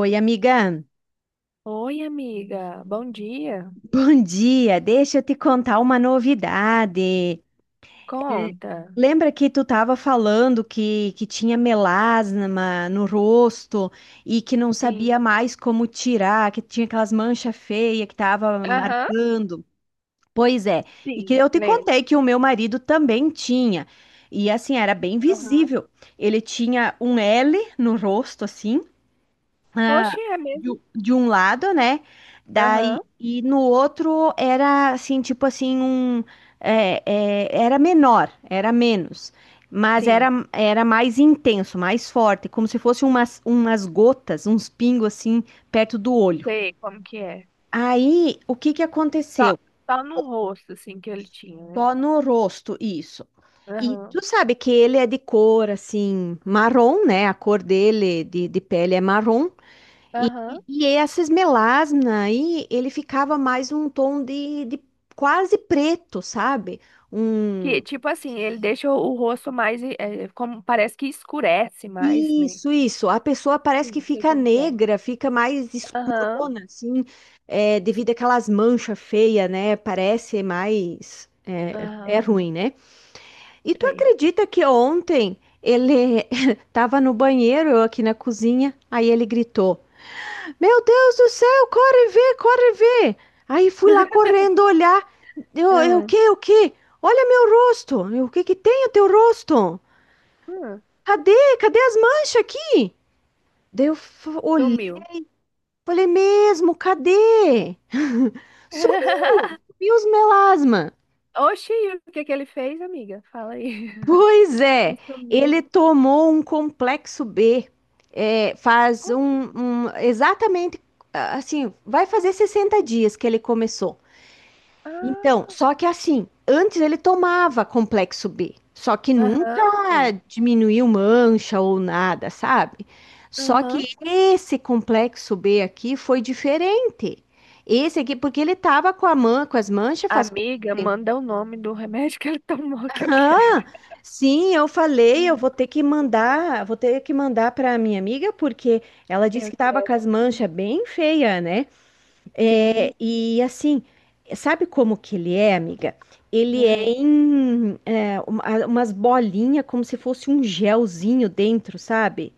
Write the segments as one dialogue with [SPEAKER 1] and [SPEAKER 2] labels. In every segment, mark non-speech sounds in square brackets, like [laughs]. [SPEAKER 1] Oi, amiga.
[SPEAKER 2] Oi, amiga. Bom dia.
[SPEAKER 1] Bom dia. Deixa eu te contar uma novidade. É,
[SPEAKER 2] Conta.
[SPEAKER 1] lembra que tu estava falando que tinha melasma no rosto e que não
[SPEAKER 2] Sim.
[SPEAKER 1] sabia mais como tirar, que tinha aquelas manchas feias que tava
[SPEAKER 2] Aham,
[SPEAKER 1] marcando? Pois é. E que
[SPEAKER 2] sim.
[SPEAKER 1] eu te
[SPEAKER 2] Lembro.
[SPEAKER 1] contei que o meu marido também tinha. E assim, era bem
[SPEAKER 2] Aham.
[SPEAKER 1] visível. Ele tinha um L no rosto, assim, ah,
[SPEAKER 2] Oxe, é mesmo?
[SPEAKER 1] um de um lado, né? Daí,
[SPEAKER 2] Aham,
[SPEAKER 1] e no outro era assim, tipo assim, um era menor, era menos, mas era,
[SPEAKER 2] sim.
[SPEAKER 1] era mais intenso, mais forte, como se fosse umas gotas, uns pingos assim, perto do olho.
[SPEAKER 2] Sei como que é.
[SPEAKER 1] Aí, o que que
[SPEAKER 2] Só,
[SPEAKER 1] aconteceu?
[SPEAKER 2] só no rosto, assim, que ele tinha, né?
[SPEAKER 1] Só no rosto, isso. E
[SPEAKER 2] Aham,
[SPEAKER 1] tu sabe que ele é de cor assim, marrom, né? A cor dele de pele é marrom. E,
[SPEAKER 2] aham.
[SPEAKER 1] e essas melasmas aí, ele ficava mais um tom de quase preto, sabe?
[SPEAKER 2] Que,
[SPEAKER 1] Um...
[SPEAKER 2] tipo assim, ele deixa o rosto mais, é como, parece que escurece mais, né?
[SPEAKER 1] Isso, isso. A pessoa parece que
[SPEAKER 2] Sim, sei
[SPEAKER 1] fica
[SPEAKER 2] como que é.
[SPEAKER 1] negra, fica mais
[SPEAKER 2] Aham,
[SPEAKER 1] escurona, assim, devido àquelas manchas feias, né? Parece mais. É
[SPEAKER 2] aham,
[SPEAKER 1] ruim, né? E tu
[SPEAKER 2] sei.
[SPEAKER 1] acredita que ontem ele [laughs] tava no banheiro, eu aqui na cozinha, aí ele gritou. Meu Deus do céu, corre ver, corre ver. Aí fui lá
[SPEAKER 2] [laughs]
[SPEAKER 1] correndo olhar. O
[SPEAKER 2] Ah,
[SPEAKER 1] que, o que? Olha meu rosto. O que que tem o teu rosto?
[SPEAKER 2] ah,
[SPEAKER 1] Cadê? Cadê as manchas aqui? Daí eu olhei,
[SPEAKER 2] sumiu.
[SPEAKER 1] falei mesmo, cadê? [laughs] Sumiu,
[SPEAKER 2] [laughs]
[SPEAKER 1] sumiu os melasma.
[SPEAKER 2] Oxi, o que que ele fez, amiga? Fala aí.
[SPEAKER 1] Pois é,
[SPEAKER 2] Sumiu.
[SPEAKER 1] ele tomou um complexo B. É, faz
[SPEAKER 2] Oxi.
[SPEAKER 1] um, exatamente assim, vai fazer 60 dias que ele começou. Então,
[SPEAKER 2] Ah,
[SPEAKER 1] só que assim, antes ele tomava complexo B, só que nunca
[SPEAKER 2] aham, tem.
[SPEAKER 1] diminuiu mancha ou nada, sabe? Só
[SPEAKER 2] Aham.
[SPEAKER 1] que esse complexo B aqui foi diferente. Esse aqui, porque ele tava com a com as manchas, faz.
[SPEAKER 2] Amiga, manda o nome do remédio que ele tomou que eu quero.
[SPEAKER 1] Ah, sim, eu falei, eu
[SPEAKER 2] Hum,
[SPEAKER 1] vou ter que
[SPEAKER 2] Eu quero
[SPEAKER 1] mandar, para minha amiga, porque ela disse
[SPEAKER 2] eu
[SPEAKER 1] que tava
[SPEAKER 2] quero
[SPEAKER 1] com as
[SPEAKER 2] saber.
[SPEAKER 1] manchas bem feia, né? É,
[SPEAKER 2] Sim.
[SPEAKER 1] e assim, sabe como que ele é, amiga? Ele é
[SPEAKER 2] Aham.
[SPEAKER 1] umas bolinhas, como se fosse um gelzinho dentro, sabe?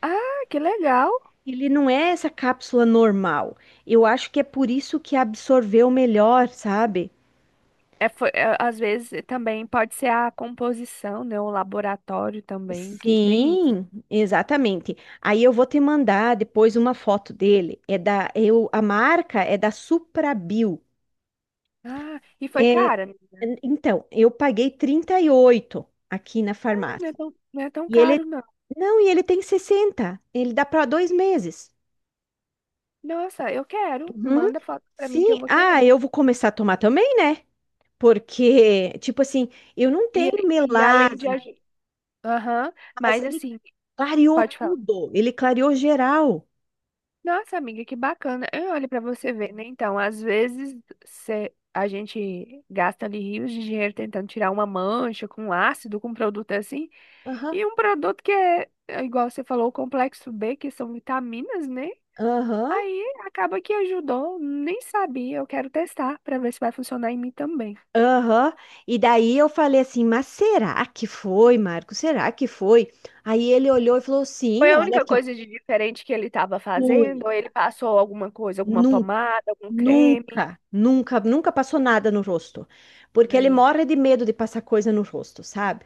[SPEAKER 2] Ah, que legal.
[SPEAKER 1] Ele não é essa cápsula normal. Eu acho que é por isso que absorveu melhor, sabe?
[SPEAKER 2] É, foi, é, às vezes também pode ser a composição, né? O laboratório também que tem isso.
[SPEAKER 1] Sim, exatamente. Aí eu vou te mandar depois uma foto dele. A marca é da Suprabio.
[SPEAKER 2] Ah, e foi cara?
[SPEAKER 1] Então, eu paguei 38 aqui na
[SPEAKER 2] Ah, não é
[SPEAKER 1] farmácia.
[SPEAKER 2] tão, não é tão
[SPEAKER 1] E ele,
[SPEAKER 2] caro, não.
[SPEAKER 1] não, e ele tem 60. Ele dá para 2 meses.
[SPEAKER 2] Nossa, eu quero.
[SPEAKER 1] Uhum.
[SPEAKER 2] Manda foto pra mim
[SPEAKER 1] Sim,
[SPEAKER 2] que eu vou
[SPEAKER 1] ah,
[SPEAKER 2] querer.
[SPEAKER 1] eu vou começar a tomar também, né? Porque, tipo assim, eu não
[SPEAKER 2] E,
[SPEAKER 1] tenho
[SPEAKER 2] e além de
[SPEAKER 1] melasma,
[SPEAKER 2] ajudar. Aham,
[SPEAKER 1] mas
[SPEAKER 2] mas
[SPEAKER 1] ele
[SPEAKER 2] assim,
[SPEAKER 1] clareou
[SPEAKER 2] pode falar.
[SPEAKER 1] tudo, ele clareou geral.
[SPEAKER 2] Nossa, amiga, que bacana. Eu olho para você ver, né? Então, às vezes cê- a gente gasta ali rios de dinheiro tentando tirar uma mancha com um ácido, com um produto assim,
[SPEAKER 1] Aham,
[SPEAKER 2] e um produto que é, é igual você falou, o complexo B, que são vitaminas, né?
[SPEAKER 1] aham,
[SPEAKER 2] Aí acaba que ajudou, nem sabia. Eu quero testar para ver se vai funcionar em mim também.
[SPEAKER 1] aham. E daí eu falei assim, mas será que foi, Marco? Será que foi? Aí ele olhou e falou,
[SPEAKER 2] Foi
[SPEAKER 1] sim,
[SPEAKER 2] a
[SPEAKER 1] olha
[SPEAKER 2] única
[SPEAKER 1] aqui, ó,
[SPEAKER 2] coisa de diferente que ele estava fazendo, ou ele
[SPEAKER 1] única,
[SPEAKER 2] passou alguma coisa, alguma
[SPEAKER 1] nu-
[SPEAKER 2] pomada, algum creme.
[SPEAKER 1] nunca, nunca, nunca passou nada no rosto. Porque ele
[SPEAKER 2] Aí,
[SPEAKER 1] morre de medo de passar coisa no rosto, sabe?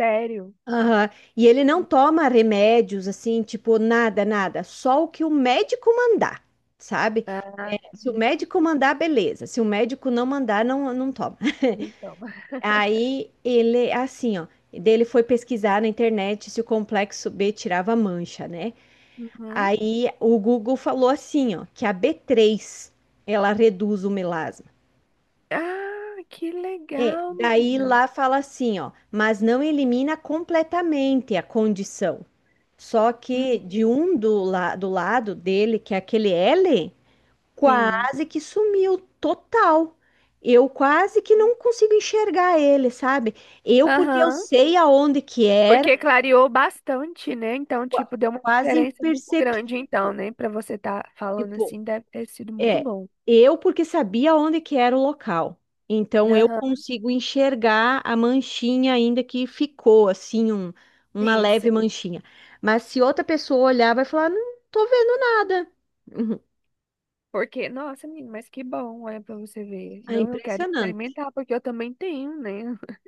[SPEAKER 2] sério?
[SPEAKER 1] Aham. E ele não toma remédios assim, tipo, nada, nada. Só o que o médico mandar, sabe?
[SPEAKER 2] Ah,
[SPEAKER 1] Se o médico mandar, beleza. Se o médico não mandar, não, não toma. [laughs]
[SPEAKER 2] então.
[SPEAKER 1] Aí, assim, ó, dele foi pesquisar na internet se o complexo B tirava mancha, né?
[SPEAKER 2] Uhum.
[SPEAKER 1] Aí o Google falou assim, ó, que a B3 ela reduz o melasma.
[SPEAKER 2] Ah, que
[SPEAKER 1] É,
[SPEAKER 2] legal,
[SPEAKER 1] daí
[SPEAKER 2] menina.
[SPEAKER 1] lá fala assim, ó, mas não elimina completamente a condição. Só que de
[SPEAKER 2] Uhum.
[SPEAKER 1] um do, la do lado dele, que é aquele L,
[SPEAKER 2] Sim.
[SPEAKER 1] quase que sumiu total. Eu quase que não consigo enxergar ele, sabe? Eu, porque eu
[SPEAKER 2] Aham.
[SPEAKER 1] sei aonde que era,
[SPEAKER 2] Porque clareou bastante, né? Então,
[SPEAKER 1] qua-
[SPEAKER 2] tipo, deu uma
[SPEAKER 1] quase
[SPEAKER 2] diferença muito grande, então,
[SPEAKER 1] imperceptível.
[SPEAKER 2] né? Pra você estar falando
[SPEAKER 1] Tipo,
[SPEAKER 2] assim, deve ter sido muito
[SPEAKER 1] É,
[SPEAKER 2] bom.
[SPEAKER 1] eu porque sabia onde que era o local. Então eu
[SPEAKER 2] Aham.
[SPEAKER 1] consigo enxergar a manchinha ainda que ficou assim uma
[SPEAKER 2] Sim,
[SPEAKER 1] leve
[SPEAKER 2] sim.
[SPEAKER 1] manchinha. Mas se outra pessoa olhar, vai falar, não tô vendo nada. Uhum.
[SPEAKER 2] Porque, nossa, menina, mas que bom, olha, pra você ver.
[SPEAKER 1] É
[SPEAKER 2] Não, eu quero
[SPEAKER 1] impressionante.
[SPEAKER 2] experimentar, porque eu também tenho, né? [laughs]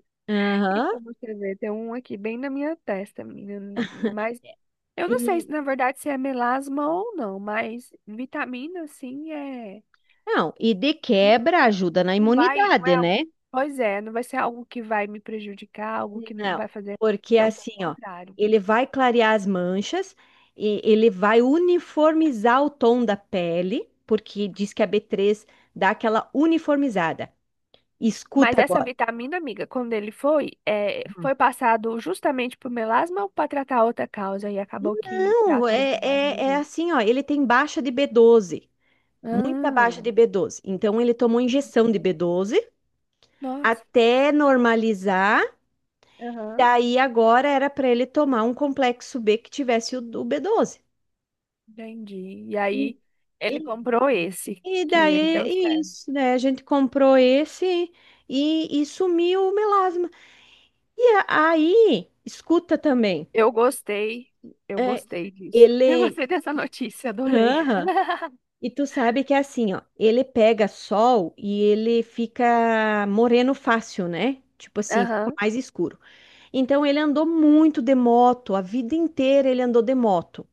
[SPEAKER 2] E
[SPEAKER 1] Aham.
[SPEAKER 2] pra você ver, tem um aqui bem na minha testa, menina. Mas eu não sei se,
[SPEAKER 1] E
[SPEAKER 2] na verdade, se é melasma ou não, mas vitamina, assim é.
[SPEAKER 1] não, e de
[SPEAKER 2] Não
[SPEAKER 1] quebra ajuda na
[SPEAKER 2] não vai, não é
[SPEAKER 1] imunidade,
[SPEAKER 2] algo.
[SPEAKER 1] né?
[SPEAKER 2] Pois é, não vai ser algo que vai me prejudicar, algo que não
[SPEAKER 1] Não,
[SPEAKER 2] vai fazer.
[SPEAKER 1] porque
[SPEAKER 2] Então, pelo
[SPEAKER 1] assim, ó,
[SPEAKER 2] contrário.
[SPEAKER 1] ele vai clarear as manchas e ele vai uniformizar o tom da pele, porque diz que a B3 dá aquela uniformizada.
[SPEAKER 2] Mas
[SPEAKER 1] Escuta
[SPEAKER 2] essa
[SPEAKER 1] agora.
[SPEAKER 2] vitamina, amiga, quando ele foi, é, foi passado justamente pro melasma ou para tratar outra causa? E acabou que
[SPEAKER 1] Não,
[SPEAKER 2] tratou o melasma
[SPEAKER 1] é
[SPEAKER 2] junto.
[SPEAKER 1] assim, ó, ele tem baixa de B12, muita baixa
[SPEAKER 2] Ah,
[SPEAKER 1] de B12. Então ele tomou injeção de B12
[SPEAKER 2] nossa,
[SPEAKER 1] até normalizar.
[SPEAKER 2] aham,
[SPEAKER 1] Daí agora era para ele tomar um complexo B que tivesse o B12.
[SPEAKER 2] entendi. E aí, ele
[SPEAKER 1] E-
[SPEAKER 2] comprou esse,
[SPEAKER 1] E
[SPEAKER 2] que
[SPEAKER 1] daí,
[SPEAKER 2] aí
[SPEAKER 1] é
[SPEAKER 2] deu certo.
[SPEAKER 1] isso, né? A gente comprou esse e sumiu o melasma. Aí, escuta também,
[SPEAKER 2] Eu gostei, eu gostei disso. Eu
[SPEAKER 1] ele.
[SPEAKER 2] gostei dessa notícia, adorei.
[SPEAKER 1] Aham. E tu sabe que é assim, ó, ele pega sol e ele fica moreno fácil, né? Tipo assim, fica
[SPEAKER 2] Aham.
[SPEAKER 1] mais escuro. Então ele andou muito de moto, a vida inteira ele andou de moto.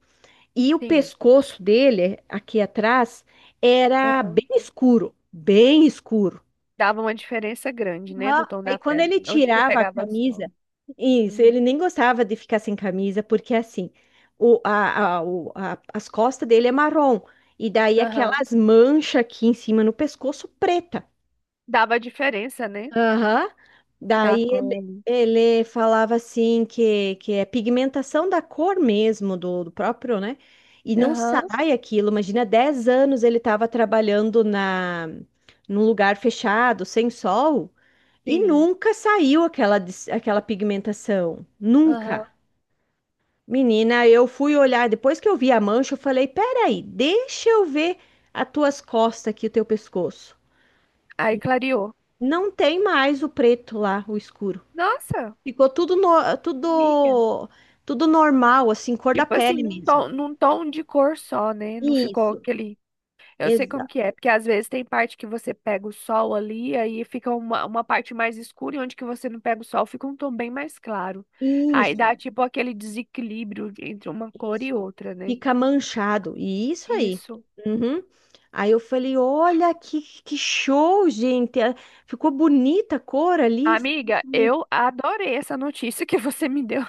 [SPEAKER 1] E o
[SPEAKER 2] Sim.
[SPEAKER 1] pescoço dele, aqui atrás, era bem escuro, bem escuro.
[SPEAKER 2] Dava uma diferença grande, né, do
[SPEAKER 1] Aham.
[SPEAKER 2] tom
[SPEAKER 1] Aí
[SPEAKER 2] da
[SPEAKER 1] quando
[SPEAKER 2] pele.
[SPEAKER 1] ele
[SPEAKER 2] Onde que
[SPEAKER 1] tirava a
[SPEAKER 2] pegava sol?
[SPEAKER 1] camisa, isso,
[SPEAKER 2] Hum.
[SPEAKER 1] ele nem gostava de ficar sem camisa, porque assim, o, a- o- a- as costas dele é marrom, e daí
[SPEAKER 2] Aham.
[SPEAKER 1] aquelas manchas aqui em cima no pescoço preta.
[SPEAKER 2] Dava diferença, né,
[SPEAKER 1] Aham.
[SPEAKER 2] da
[SPEAKER 1] Daí
[SPEAKER 2] cor
[SPEAKER 1] ele,
[SPEAKER 2] ali.
[SPEAKER 1] ele falava assim que é pigmentação da cor mesmo, do próprio, né? E não
[SPEAKER 2] Aham,
[SPEAKER 1] sai aquilo. Imagina, 10 anos ele estava trabalhando na, num lugar fechado, sem sol, e
[SPEAKER 2] sim.
[SPEAKER 1] nunca saiu aquela, aquela pigmentação. Nunca.
[SPEAKER 2] Aham.
[SPEAKER 1] Menina, eu fui olhar, depois que eu vi a mancha, eu falei, peraí, deixa eu ver as tuas costas aqui, o teu pescoço.
[SPEAKER 2] Aí clareou.
[SPEAKER 1] Não tem mais o preto lá, o escuro.
[SPEAKER 2] Nossa,
[SPEAKER 1] Ficou tudo,
[SPEAKER 2] amiga.
[SPEAKER 1] tudo, tudo normal, assim, cor da
[SPEAKER 2] Tipo assim,
[SPEAKER 1] pele mesmo.
[SPEAKER 2] num tom de cor só, né? Não ficou
[SPEAKER 1] Isso,
[SPEAKER 2] aquele... Eu sei como
[SPEAKER 1] exa
[SPEAKER 2] que é, porque às vezes tem parte que você pega o sol ali, aí fica uma parte mais escura, e onde que você não pega o sol, fica um tom bem mais claro. Aí
[SPEAKER 1] isso,
[SPEAKER 2] dá tipo aquele desequilíbrio entre uma cor
[SPEAKER 1] isso.
[SPEAKER 2] e outra, né?
[SPEAKER 1] Fica manchado. E isso aí.
[SPEAKER 2] Isso.
[SPEAKER 1] Uhum. Aí eu falei, olha que show, gente. Ah, ficou bonita a cor ali.
[SPEAKER 2] Amiga, eu adorei essa notícia que você me deu,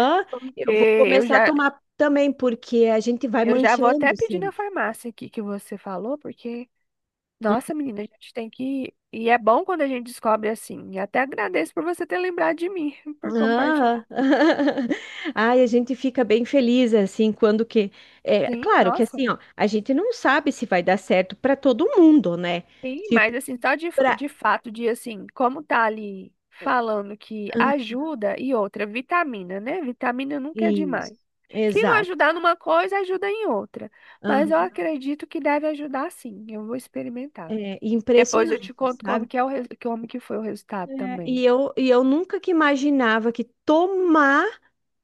[SPEAKER 2] [laughs] porque
[SPEAKER 1] Eu vou começar a tomar também, porque a gente vai
[SPEAKER 2] eu já vou até
[SPEAKER 1] manchando
[SPEAKER 2] pedir na
[SPEAKER 1] sempre.
[SPEAKER 2] farmácia aqui que você falou, porque, nossa, menina, a gente tem que. E é bom quando a gente descobre assim. E até agradeço por você ter lembrado de mim, [laughs] por compartilhar.
[SPEAKER 1] Ah, [laughs] ai, a gente fica bem feliz assim quando que é
[SPEAKER 2] Sim,
[SPEAKER 1] claro que
[SPEAKER 2] nossa.
[SPEAKER 1] assim, ó, a gente não sabe se vai dar certo para todo mundo, né?
[SPEAKER 2] Sim,
[SPEAKER 1] Tipo
[SPEAKER 2] mas assim, só
[SPEAKER 1] para
[SPEAKER 2] de fato, de assim, como tá ali falando que ajuda e outra, vitamina, né? Vitamina nunca é
[SPEAKER 1] isso,
[SPEAKER 2] demais. Se não
[SPEAKER 1] exato,
[SPEAKER 2] ajudar numa coisa, ajuda em outra. Mas eu
[SPEAKER 1] aham.
[SPEAKER 2] acredito que deve ajudar sim. Eu vou experimentar.
[SPEAKER 1] É
[SPEAKER 2] Depois eu te
[SPEAKER 1] impressionante,
[SPEAKER 2] conto
[SPEAKER 1] sabe?
[SPEAKER 2] como que é o res- como que foi o resultado
[SPEAKER 1] É,
[SPEAKER 2] também.
[SPEAKER 1] e eu nunca que imaginava que tomar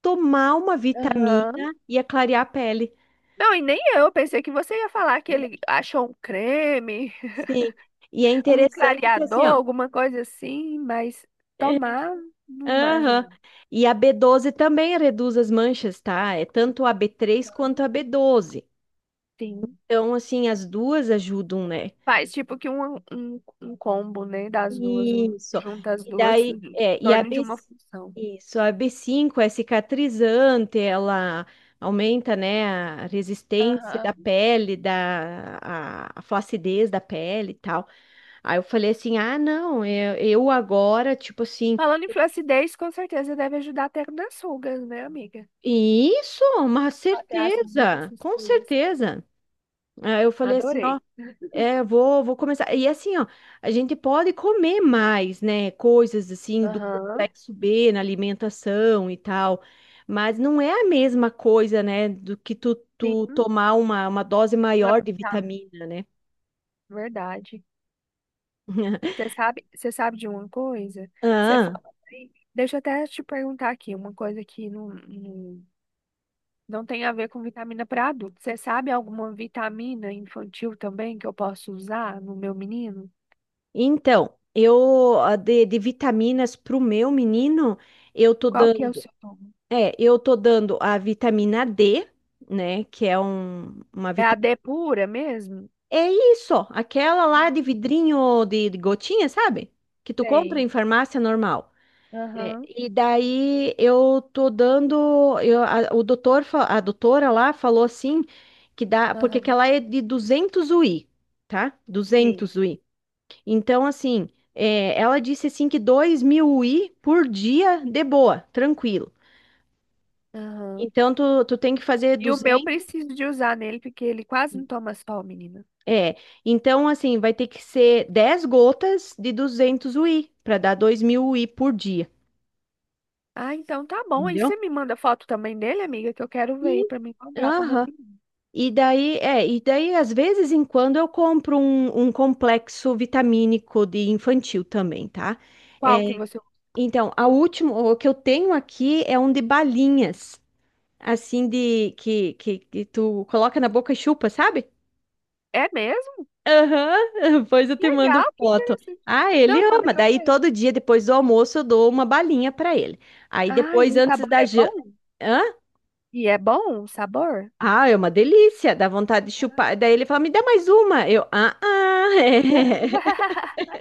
[SPEAKER 1] tomar uma
[SPEAKER 2] Aham.
[SPEAKER 1] vitamina ia clarear a pele.
[SPEAKER 2] Não, e nem eu. Pensei que você ia falar que
[SPEAKER 1] É,
[SPEAKER 2] ele achou um creme,
[SPEAKER 1] Sim, e é
[SPEAKER 2] [laughs] um
[SPEAKER 1] interessante que assim,
[SPEAKER 2] clareador,
[SPEAKER 1] ó.
[SPEAKER 2] alguma coisa assim, mas
[SPEAKER 1] é,
[SPEAKER 2] tomar, não
[SPEAKER 1] Aham.
[SPEAKER 2] imagino.
[SPEAKER 1] E a B12 também reduz as manchas, tá? É tanto a B3 quanto a B12.
[SPEAKER 2] Sim.
[SPEAKER 1] Então, assim, as duas ajudam, né?
[SPEAKER 2] Faz tipo que um combo, né, das duas, um,
[SPEAKER 1] Isso.
[SPEAKER 2] junta as
[SPEAKER 1] E
[SPEAKER 2] duas
[SPEAKER 1] daí,
[SPEAKER 2] em
[SPEAKER 1] é, e a
[SPEAKER 2] torno de
[SPEAKER 1] B,
[SPEAKER 2] uma função.
[SPEAKER 1] isso, a B5 é cicatrizante, ela aumenta, né, a resistência da
[SPEAKER 2] Aham.
[SPEAKER 1] pele, a flacidez da pele e tal. Aí eu falei assim: "Ah, não, eu agora, tipo assim,
[SPEAKER 2] Falando em flacidez, com certeza deve ajudar até nas rugas, né, amiga?
[SPEAKER 1] isso, uma
[SPEAKER 2] Até as rugas,
[SPEAKER 1] certeza,
[SPEAKER 2] essas
[SPEAKER 1] com
[SPEAKER 2] coisas.
[SPEAKER 1] certeza. Aí eu falei assim, ó,
[SPEAKER 2] Adorei.
[SPEAKER 1] é, vou começar. E assim, ó, a gente pode comer mais, né? Coisas assim do
[SPEAKER 2] Aham,
[SPEAKER 1] complexo B na alimentação e tal, mas não é a mesma coisa, né? Do que tu,
[SPEAKER 2] sim,
[SPEAKER 1] tomar uma dose
[SPEAKER 2] uma
[SPEAKER 1] maior de
[SPEAKER 2] vitamina,
[SPEAKER 1] vitamina, né?
[SPEAKER 2] verdade.
[SPEAKER 1] [laughs]
[SPEAKER 2] Você sabe de uma coisa? Você
[SPEAKER 1] Ah,
[SPEAKER 2] fala aí. Deixa eu até te perguntar aqui, uma coisa que não, não, não tem a ver com vitamina para adulto. Você sabe alguma vitamina infantil também que eu posso usar no meu menino?
[SPEAKER 1] então, eu a de vitaminas pro meu menino, eu tô
[SPEAKER 2] Qual que é o
[SPEAKER 1] dando,
[SPEAKER 2] seu nome?
[SPEAKER 1] eu tô dando a vitamina D, né? Que é uma
[SPEAKER 2] É a
[SPEAKER 1] vitamina.
[SPEAKER 2] D pura mesmo?
[SPEAKER 1] É isso, aquela lá de
[SPEAKER 2] Hum,
[SPEAKER 1] vidrinho de gotinha, sabe? Que tu compra
[SPEAKER 2] Sei.
[SPEAKER 1] em farmácia normal. É,
[SPEAKER 2] Aham,
[SPEAKER 1] e daí eu tô dando, a doutora lá falou assim que dá, porque
[SPEAKER 2] aham,
[SPEAKER 1] aquela é de 200 UI, tá?
[SPEAKER 2] sim.
[SPEAKER 1] 200 UI. Então assim, ela disse assim que 2 mil UI por dia, de boa, tranquilo.
[SPEAKER 2] Aham.
[SPEAKER 1] Então tu tem que fazer
[SPEAKER 2] E o meu
[SPEAKER 1] 200.
[SPEAKER 2] preciso de usar nele, porque ele quase não toma sol, menina.
[SPEAKER 1] É, então assim, vai ter que ser 10 gotas de 200 UI, para dar 2.000 UI por dia,
[SPEAKER 2] Ah, então tá bom. Aí
[SPEAKER 1] entendeu?
[SPEAKER 2] você me manda foto também dele, amiga, que eu quero ver
[SPEAKER 1] Sim.
[SPEAKER 2] pra mim comprar pro meu
[SPEAKER 1] Aham.
[SPEAKER 2] menino.
[SPEAKER 1] E daí, e daí às vezes em quando eu compro um complexo vitamínico de infantil também, tá? É,
[SPEAKER 2] Qual que você...
[SPEAKER 1] então, a última, o que eu tenho aqui é um de balinhas, assim de que tu coloca na boca e chupa, sabe?
[SPEAKER 2] É mesmo?
[SPEAKER 1] Aham, [laughs] depois eu te mando
[SPEAKER 2] Legal, que
[SPEAKER 1] foto.
[SPEAKER 2] interessante.
[SPEAKER 1] Ah, ele
[SPEAKER 2] Não, manda
[SPEAKER 1] ama.
[SPEAKER 2] que eu
[SPEAKER 1] Daí
[SPEAKER 2] quero.
[SPEAKER 1] todo dia depois do almoço eu dou uma balinha pra ele. Aí
[SPEAKER 2] Ah,
[SPEAKER 1] depois
[SPEAKER 2] e o
[SPEAKER 1] antes
[SPEAKER 2] sabor
[SPEAKER 1] da
[SPEAKER 2] é
[SPEAKER 1] jan...
[SPEAKER 2] bom?
[SPEAKER 1] Hã?
[SPEAKER 2] E é bom o sabor?
[SPEAKER 1] Ah, é uma delícia, dá vontade de chupar. Daí ele fala: "Me dá mais uma". Eu: "Ah, ah". [laughs]
[SPEAKER 2] [laughs]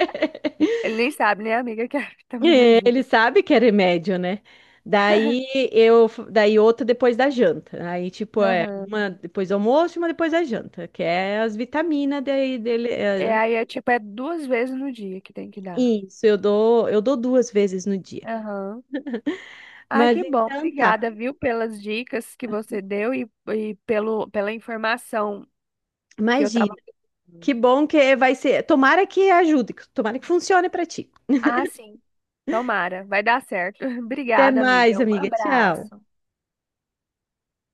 [SPEAKER 2] Ele nem sabe, né, amiga, que é vitaminazinha.
[SPEAKER 1] Ele sabe que é remédio, né? Daí eu, daí outra depois da janta. Aí tipo é
[SPEAKER 2] Aham.
[SPEAKER 1] uma depois do almoço, e uma depois da janta, que é as vitaminas daí dele.
[SPEAKER 2] É, aí é tipo, é 2 vezes no dia que tem que dar.
[SPEAKER 1] Isso, eu dou 2 vezes no dia.
[SPEAKER 2] Aham. Ah,
[SPEAKER 1] Mas
[SPEAKER 2] que bom.
[SPEAKER 1] então tá.
[SPEAKER 2] Obrigada, viu, pelas dicas que você deu e pelo, pela informação que eu tava.
[SPEAKER 1] Imagina. Que bom que vai ser. Tomara que ajude, tomara que funcione para ti.
[SPEAKER 2] Ah, sim. Tomara, vai dar certo. [laughs]
[SPEAKER 1] Até
[SPEAKER 2] Obrigada,
[SPEAKER 1] mais,
[SPEAKER 2] amiga. Um
[SPEAKER 1] amiga. Tchau.
[SPEAKER 2] abraço.